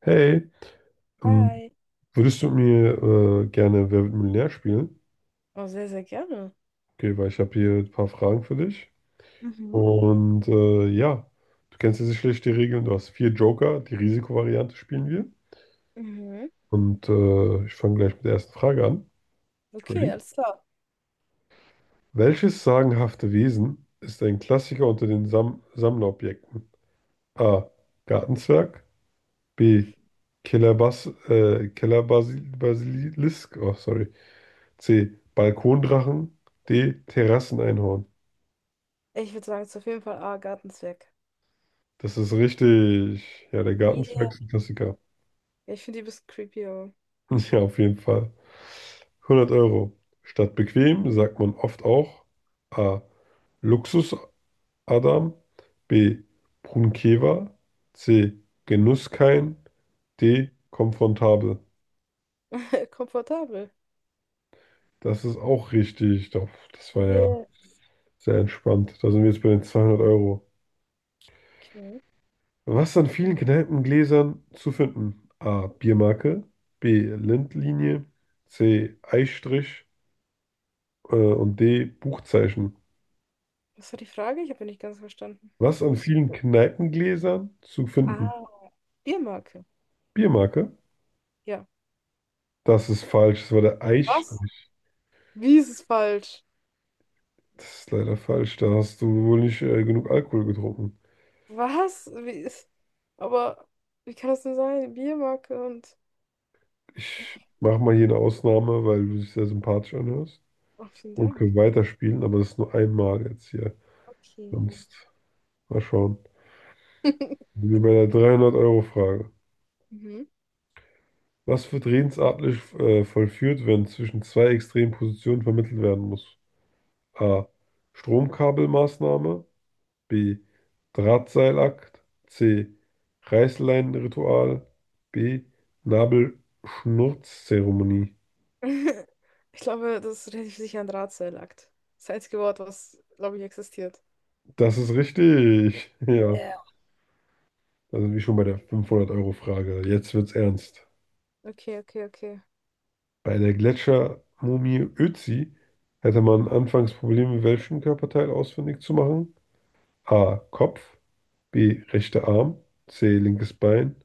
Hey, ähm, Hi. würdest du mit mir gerne Wer wird Millionär spielen? Oh, sehr, sehr gerne. Okay, weil ich habe hier ein paar Fragen für dich. Mhm. Und ja, du kennst ja sicherlich die Regeln. Du hast vier Joker, die Risikovariante spielen wir. Mhm. Und ich fange gleich mit der ersten Frage an. Okay, Ready? alles klar. Welches sagenhafte Wesen ist ein Klassiker unter den Sammlerobjekten? A. Gartenzwerg. B. Kellerbass Kellerbasil Basilisk. Oh, sorry. C. Balkondrachen. D. Terrasseneinhorn. Ich würde sagen, es ist auf jeden Fall A, Gartenzwerg. Das ist richtig. Ja, der Yeah, Gartenzwerg ist ein Klassiker. ja, ich finde die ein bisschen creepy, aber Ja, auf jeden Fall. 100 Euro. Statt bequem sagt man oft auch A. Luxus-Adam. B. Brunkewa. C. Genusskein. D. Komfortabel. komfortabel. Das ist auch richtig. Doch, das war ja Yes. sehr entspannt. Da sind wir jetzt bei den 200 Euro. Okay. Was an vielen Kneipengläsern zu finden? A. Biermarke, B. Lindlinie, C. Eisstrich und D. Buchzeichen. Was war die Frage? Ich habe nicht ganz verstanden. Was an Kuss. vielen Kneipengläsern zu finden? Ah, Biermarke. Biermarke? Ja. Das ist falsch, das war der Was? Eisstrich. Wie ist es falsch? Das ist leider falsch, da hast du wohl nicht genug Alkohol getrunken. Was? Aber wie kann das denn sein? Biermarke und. Ich mache mal hier eine Ausnahme, weil du dich sehr sympathisch anhörst Oh, vielen und Dank. können weiterspielen, aber das ist nur einmal jetzt hier. Okay. Sonst mal schauen. Sind wir bei der 300-Euro-Frage. Mhm. Was wird redensartlich vollführt, wenn zwischen zwei extremen Positionen vermittelt werden muss? A. Stromkabelmaßnahme. B. Drahtseilakt. C. Reißleinenritual. B. Nabelschnurzzeremonie. Ich glaube, das ist relativ sicher ein Drahtseilakt. Das einzige Wort, was, glaube ich, existiert. Das ist richtig. Ja, Ja. da sind wir schon bei der 500-Euro-Frage. Jetzt wird's ernst. Okay, okay, okay. Bei der Gletschermumie Ötzi hätte man anfangs Probleme, welchen Körperteil ausfindig zu machen. A. Kopf. B. Rechter Arm. C. Linkes Bein.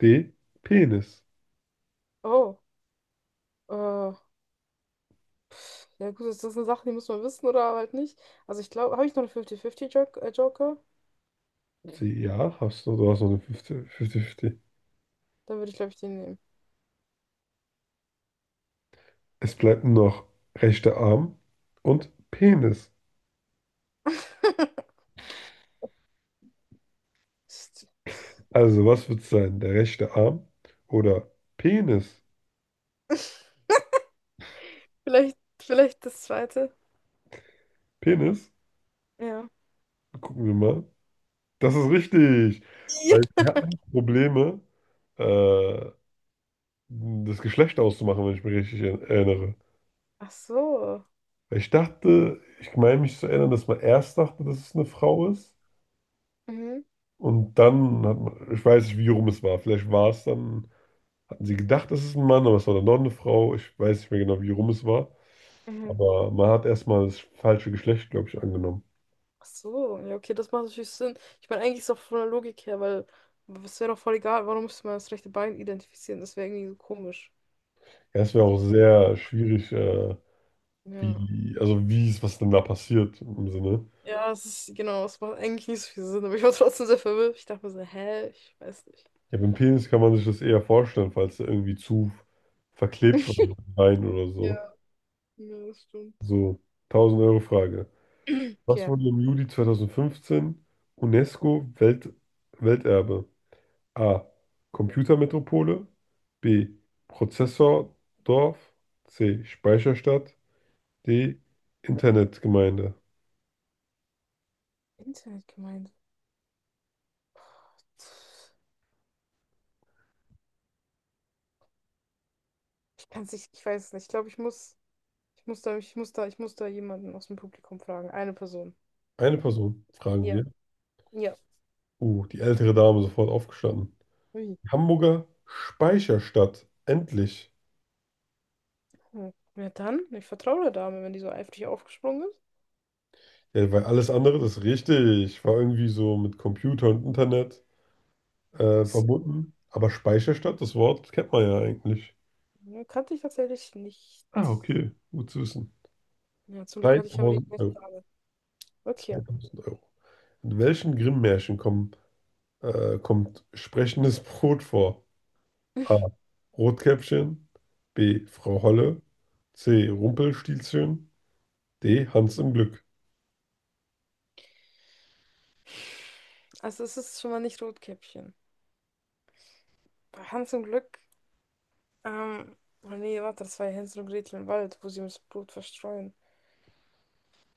D. Penis. Oh, äh, ja gut, das sind Sachen, die muss man wissen oder halt nicht. Also ich glaube, habe ich noch einen 50-50-Joker? Joker? C. Ja, hast du. Du hast noch eine 50-50. Dann würde ich, glaube ich, den nehmen. Es bleibt nur noch rechter Arm und Penis. Also, was wird es sein? Der rechte Arm oder Penis? Vielleicht, vielleicht das zweite. Penis? Ja. Gucken wir mal. Das ist richtig. Weil Ja. wir hatten Probleme, äh, das Geschlecht auszumachen, wenn ich mich richtig erinnere. Ach so. Weil ich dachte, ich meine mich zu erinnern, dass man erst dachte, dass es eine Frau ist. Mhm. Und dann hat man, ich weiß nicht, wie rum es war. Vielleicht war es dann, hatten sie gedacht, es ist ein Mann, aber es war dann doch eine Frau. Ich weiß nicht mehr genau, wie rum es war. Mhm. Aber man hat erstmal das falsche Geschlecht, glaube ich, angenommen. Ach so, ja, okay, das macht natürlich Sinn. Ich meine, eigentlich ist es auch von der Logik her, weil es wäre doch voll egal, warum müsste man das rechte Bein identifizieren? Das wäre irgendwie so komisch. Ja, es wäre auch Also, sehr schwierig, ja. wie, also wie ist, was denn da passiert im Sinne. Ja, es ist, genau, es macht eigentlich nicht so viel Sinn, aber ich war trotzdem sehr verwirrt. Ich dachte mir so, hä, ich weiß nicht. Ja, beim Penis kann man sich das eher vorstellen, falls er irgendwie zu verklebt war mit Wein oder so. Ja, ja, das stimmt. So, 1000-Euro-Frage. Was Okay, wurde im Juli 2015 UNESCO Welt, Welterbe? A. Computermetropole. B. Prozessordorf. C. Speicherstadt. D. Internetgemeinde. Internetgemeinde. Ich kann es nicht, ich weiß es nicht. Ich glaube, ich muss da, ich muss da, ich muss da jemanden aus dem Publikum fragen. Eine Person. Eine Person, fragen Ja, wir. ja. Die ältere Dame sofort aufgestanden. Ui. Hamburger Speicherstadt. Endlich. Hm. Ja, dann, ich vertraue der Dame, wenn die so eifrig aufgesprungen Ja, weil alles andere, das ist richtig, war irgendwie so mit Computer und Internet ist. verbunden. Aber Speicherstadt, das Wort kennt man ja eigentlich. Ja, kannte ich tatsächlich nicht. Ah, okay, gut zu wissen. Ja, zum Glück hatte ich aber die 3000 Euro. Frage. Okay, 2000 Euro. In welchen Grimm-Märchen kommen kommt sprechendes Brot vor? A. Rotkäppchen. B. Frau Holle. C. Rumpelstilzchen. D. Hans im Glück. also es ist schon mal nicht Rotkäppchen. Bei Hans im Glück, ähm, oh nee, warte, das war ja Hänsel und Gretel im Wald, wo sie das Blut verstreuen.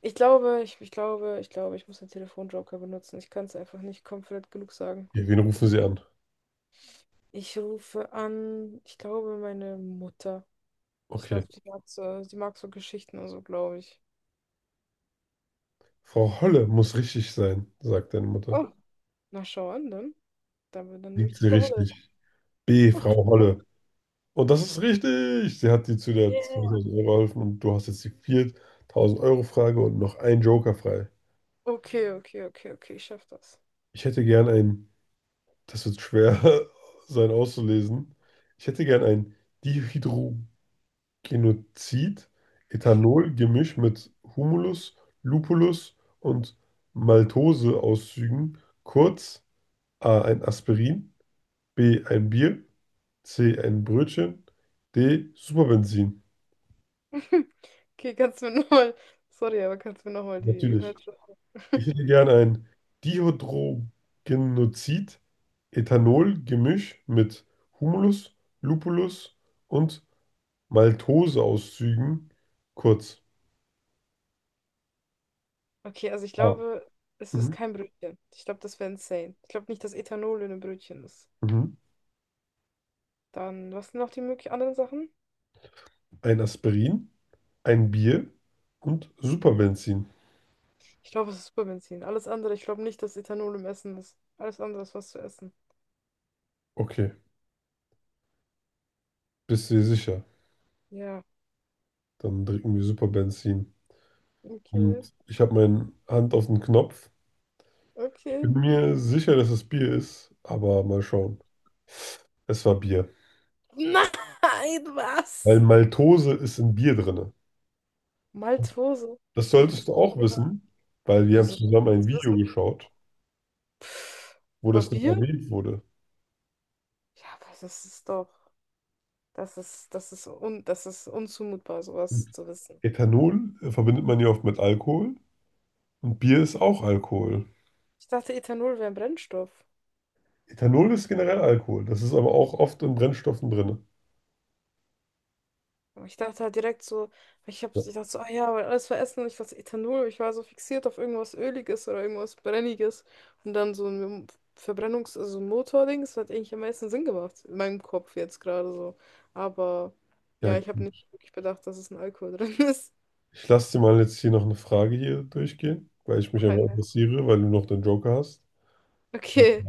Ich glaube, ich muss den Telefonjoker benutzen. Ich kann es einfach nicht confident genug sagen. Okay, wen rufen Sie an? Ich rufe an, ich glaube, meine Mutter. Ich Okay. glaube, die mag so Geschichten und so, glaube ich. Frau Holle muss richtig sein, sagt deine Mutter. Oh, na schau an, dann. Dann nehme ich Liegt die sie Frau Holle. richtig? B. Oh, Frau klar. Holle. Und das ist richtig. Sie hat dir zu der Yeah. 2000 Euro geholfen und du hast jetzt die 4000 Euro Frage und noch einen Joker frei. Okay, okay, okay, okay, ich schaff das. Ich hätte gern ein, das wird schwer sein auszulesen. Ich hätte gern ein Dihydro Genozid, Ethanol-Gemisch mit Humulus, Lupulus und Maltose-Auszügen, kurz A. ein Aspirin, B. ein Bier, C. ein Brötchen, D. Superbenzin. Okay, kannst du mir nochmal. Sorry, aber kannst du mir nochmal die Natürlich. Inhalte. Ich hätte gern ein Dihydrogenozid, Ethanol-Gemisch mit Humulus, Lupulus und Maltose-Auszügen, kurz Okay, also ich A. glaube, es ist Mhm. kein Brötchen. Ich glaube, das wäre insane. Ich glaube nicht, dass Ethanol in einem Brötchen ist. Mhm. Dann, was sind noch die möglichen anderen Sachen? Ein Aspirin, ein Bier und Superbenzin. Ich glaube, es ist Superbenzin. Alles andere, ich glaube nicht, dass Ethanol im Essen ist. Alles andere ist was zu essen. Okay, bist du dir sicher? Ja, Dann trinken wir Superbenzin. okay, Und ich habe meine Hand auf den Knopf. Ich bin okay. mir sicher, dass es Bier ist, aber mal schauen. Es war Bier. Nein, was? Weil Maltose ist in Bier drin. Maltose. Das Ich solltest hab's du noch auch nie gehört. wissen, weil wir haben Wieso soll ich zusammen ein das wissen? Video geschaut, Pff, wo über das noch Bier? erwähnt wurde. Ja, aber das ist doch, das ist un, das ist unzumutbar, sowas Und zu wissen. Ethanol verbindet man ja oft mit Alkohol und Bier ist auch Alkohol. Ich dachte, Ethanol wäre ein Brennstoff. Ethanol ist generell Alkohol. Das ist aber auch oft in Brennstoffen drin. Aber ich dachte halt direkt so, ich Ja, dachte so, ah ja, weil alles war Essen und ich dachte Ethanol, ich war so fixiert auf irgendwas Öliges oder irgendwas Brenniges und dann so also ein Motording, das hat eigentlich am meisten Sinn gemacht, in meinem Kopf jetzt gerade so. Aber ja, ja, ich habe nicht wirklich bedacht, dass es ein Alkohol drin ist. Ich lasse dir mal jetzt hier noch eine Frage hier durchgehen, weil ich mich Ach, ein- einfach interessiere, weil du noch den Joker hast. Okay.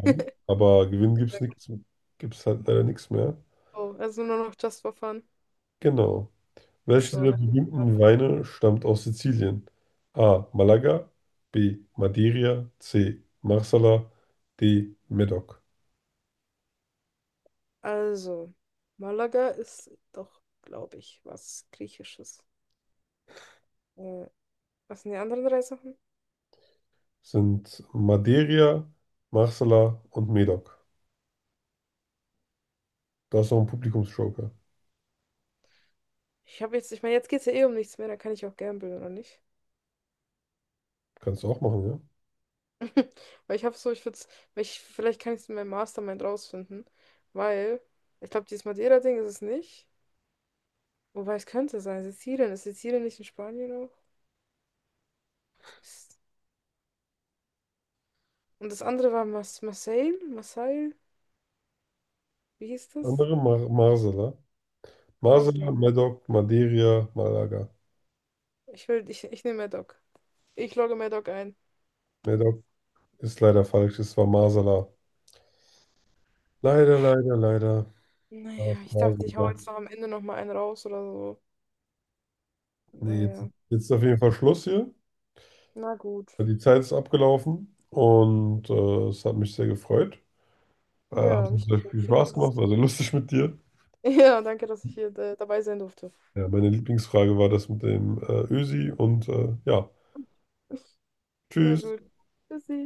Aber gewinnen gibt's nichts, gibt's halt leider nichts mehr. Oh, also nur noch just for fun. Genau. Ach Welche so, dieser ne? berühmten Weine stammt aus Sizilien? A. Malaga, B. Madeira, C. Marsala, D. Medoc. Also, Malaga ist doch, glaube ich, was Griechisches. Äh, was sind die anderen drei Sachen? Sind Madeira, Marsala und Medoc. Da ist noch ein Publikumsjoker. Ich habe jetzt, ich meine, jetzt geht es ja eh um nichts mehr, dann kann ich auch gamblen, oder nicht? Kannst du auch machen, ja? Weil ich habe so, ich würde es, vielleicht kann ich es in meinem Mastermind rausfinden, weil ich glaube, dieses Madeira-Ding ist es nicht. Wobei es könnte sein, Sizilien. Ist Sizilien nicht in Spanien auch? Mist. Und das andere war Mas Marseille? Marseille? Wie hieß das? Andere Mar Marsala. Marsala, Masula. Medoc, Madeira, Malaga. Ich nehme Medoc. Ich logge Medoc ein. Medoc ist leider falsch, es war Marsala. Leider, leider, leider. War Naja, es ich war dachte, ich hau Marsala. jetzt noch am Ende noch mal einen raus oder so. Nee, Naja, jetzt ist auf jeden Fall Schluss hier. na gut. Ja, die Zeit ist abgelaufen und es hat mich sehr gefreut. Ja, Hat uns mich sehr auch. viel Vielen Dank, Spaß dass gemacht, ich... war sehr lustig mit dir. Ja, danke, dass ich hier dabei sein durfte. Ja, meine Lieblingsfrage war das mit dem Ösi und ja, Na tschüss. gut. Tschüssi.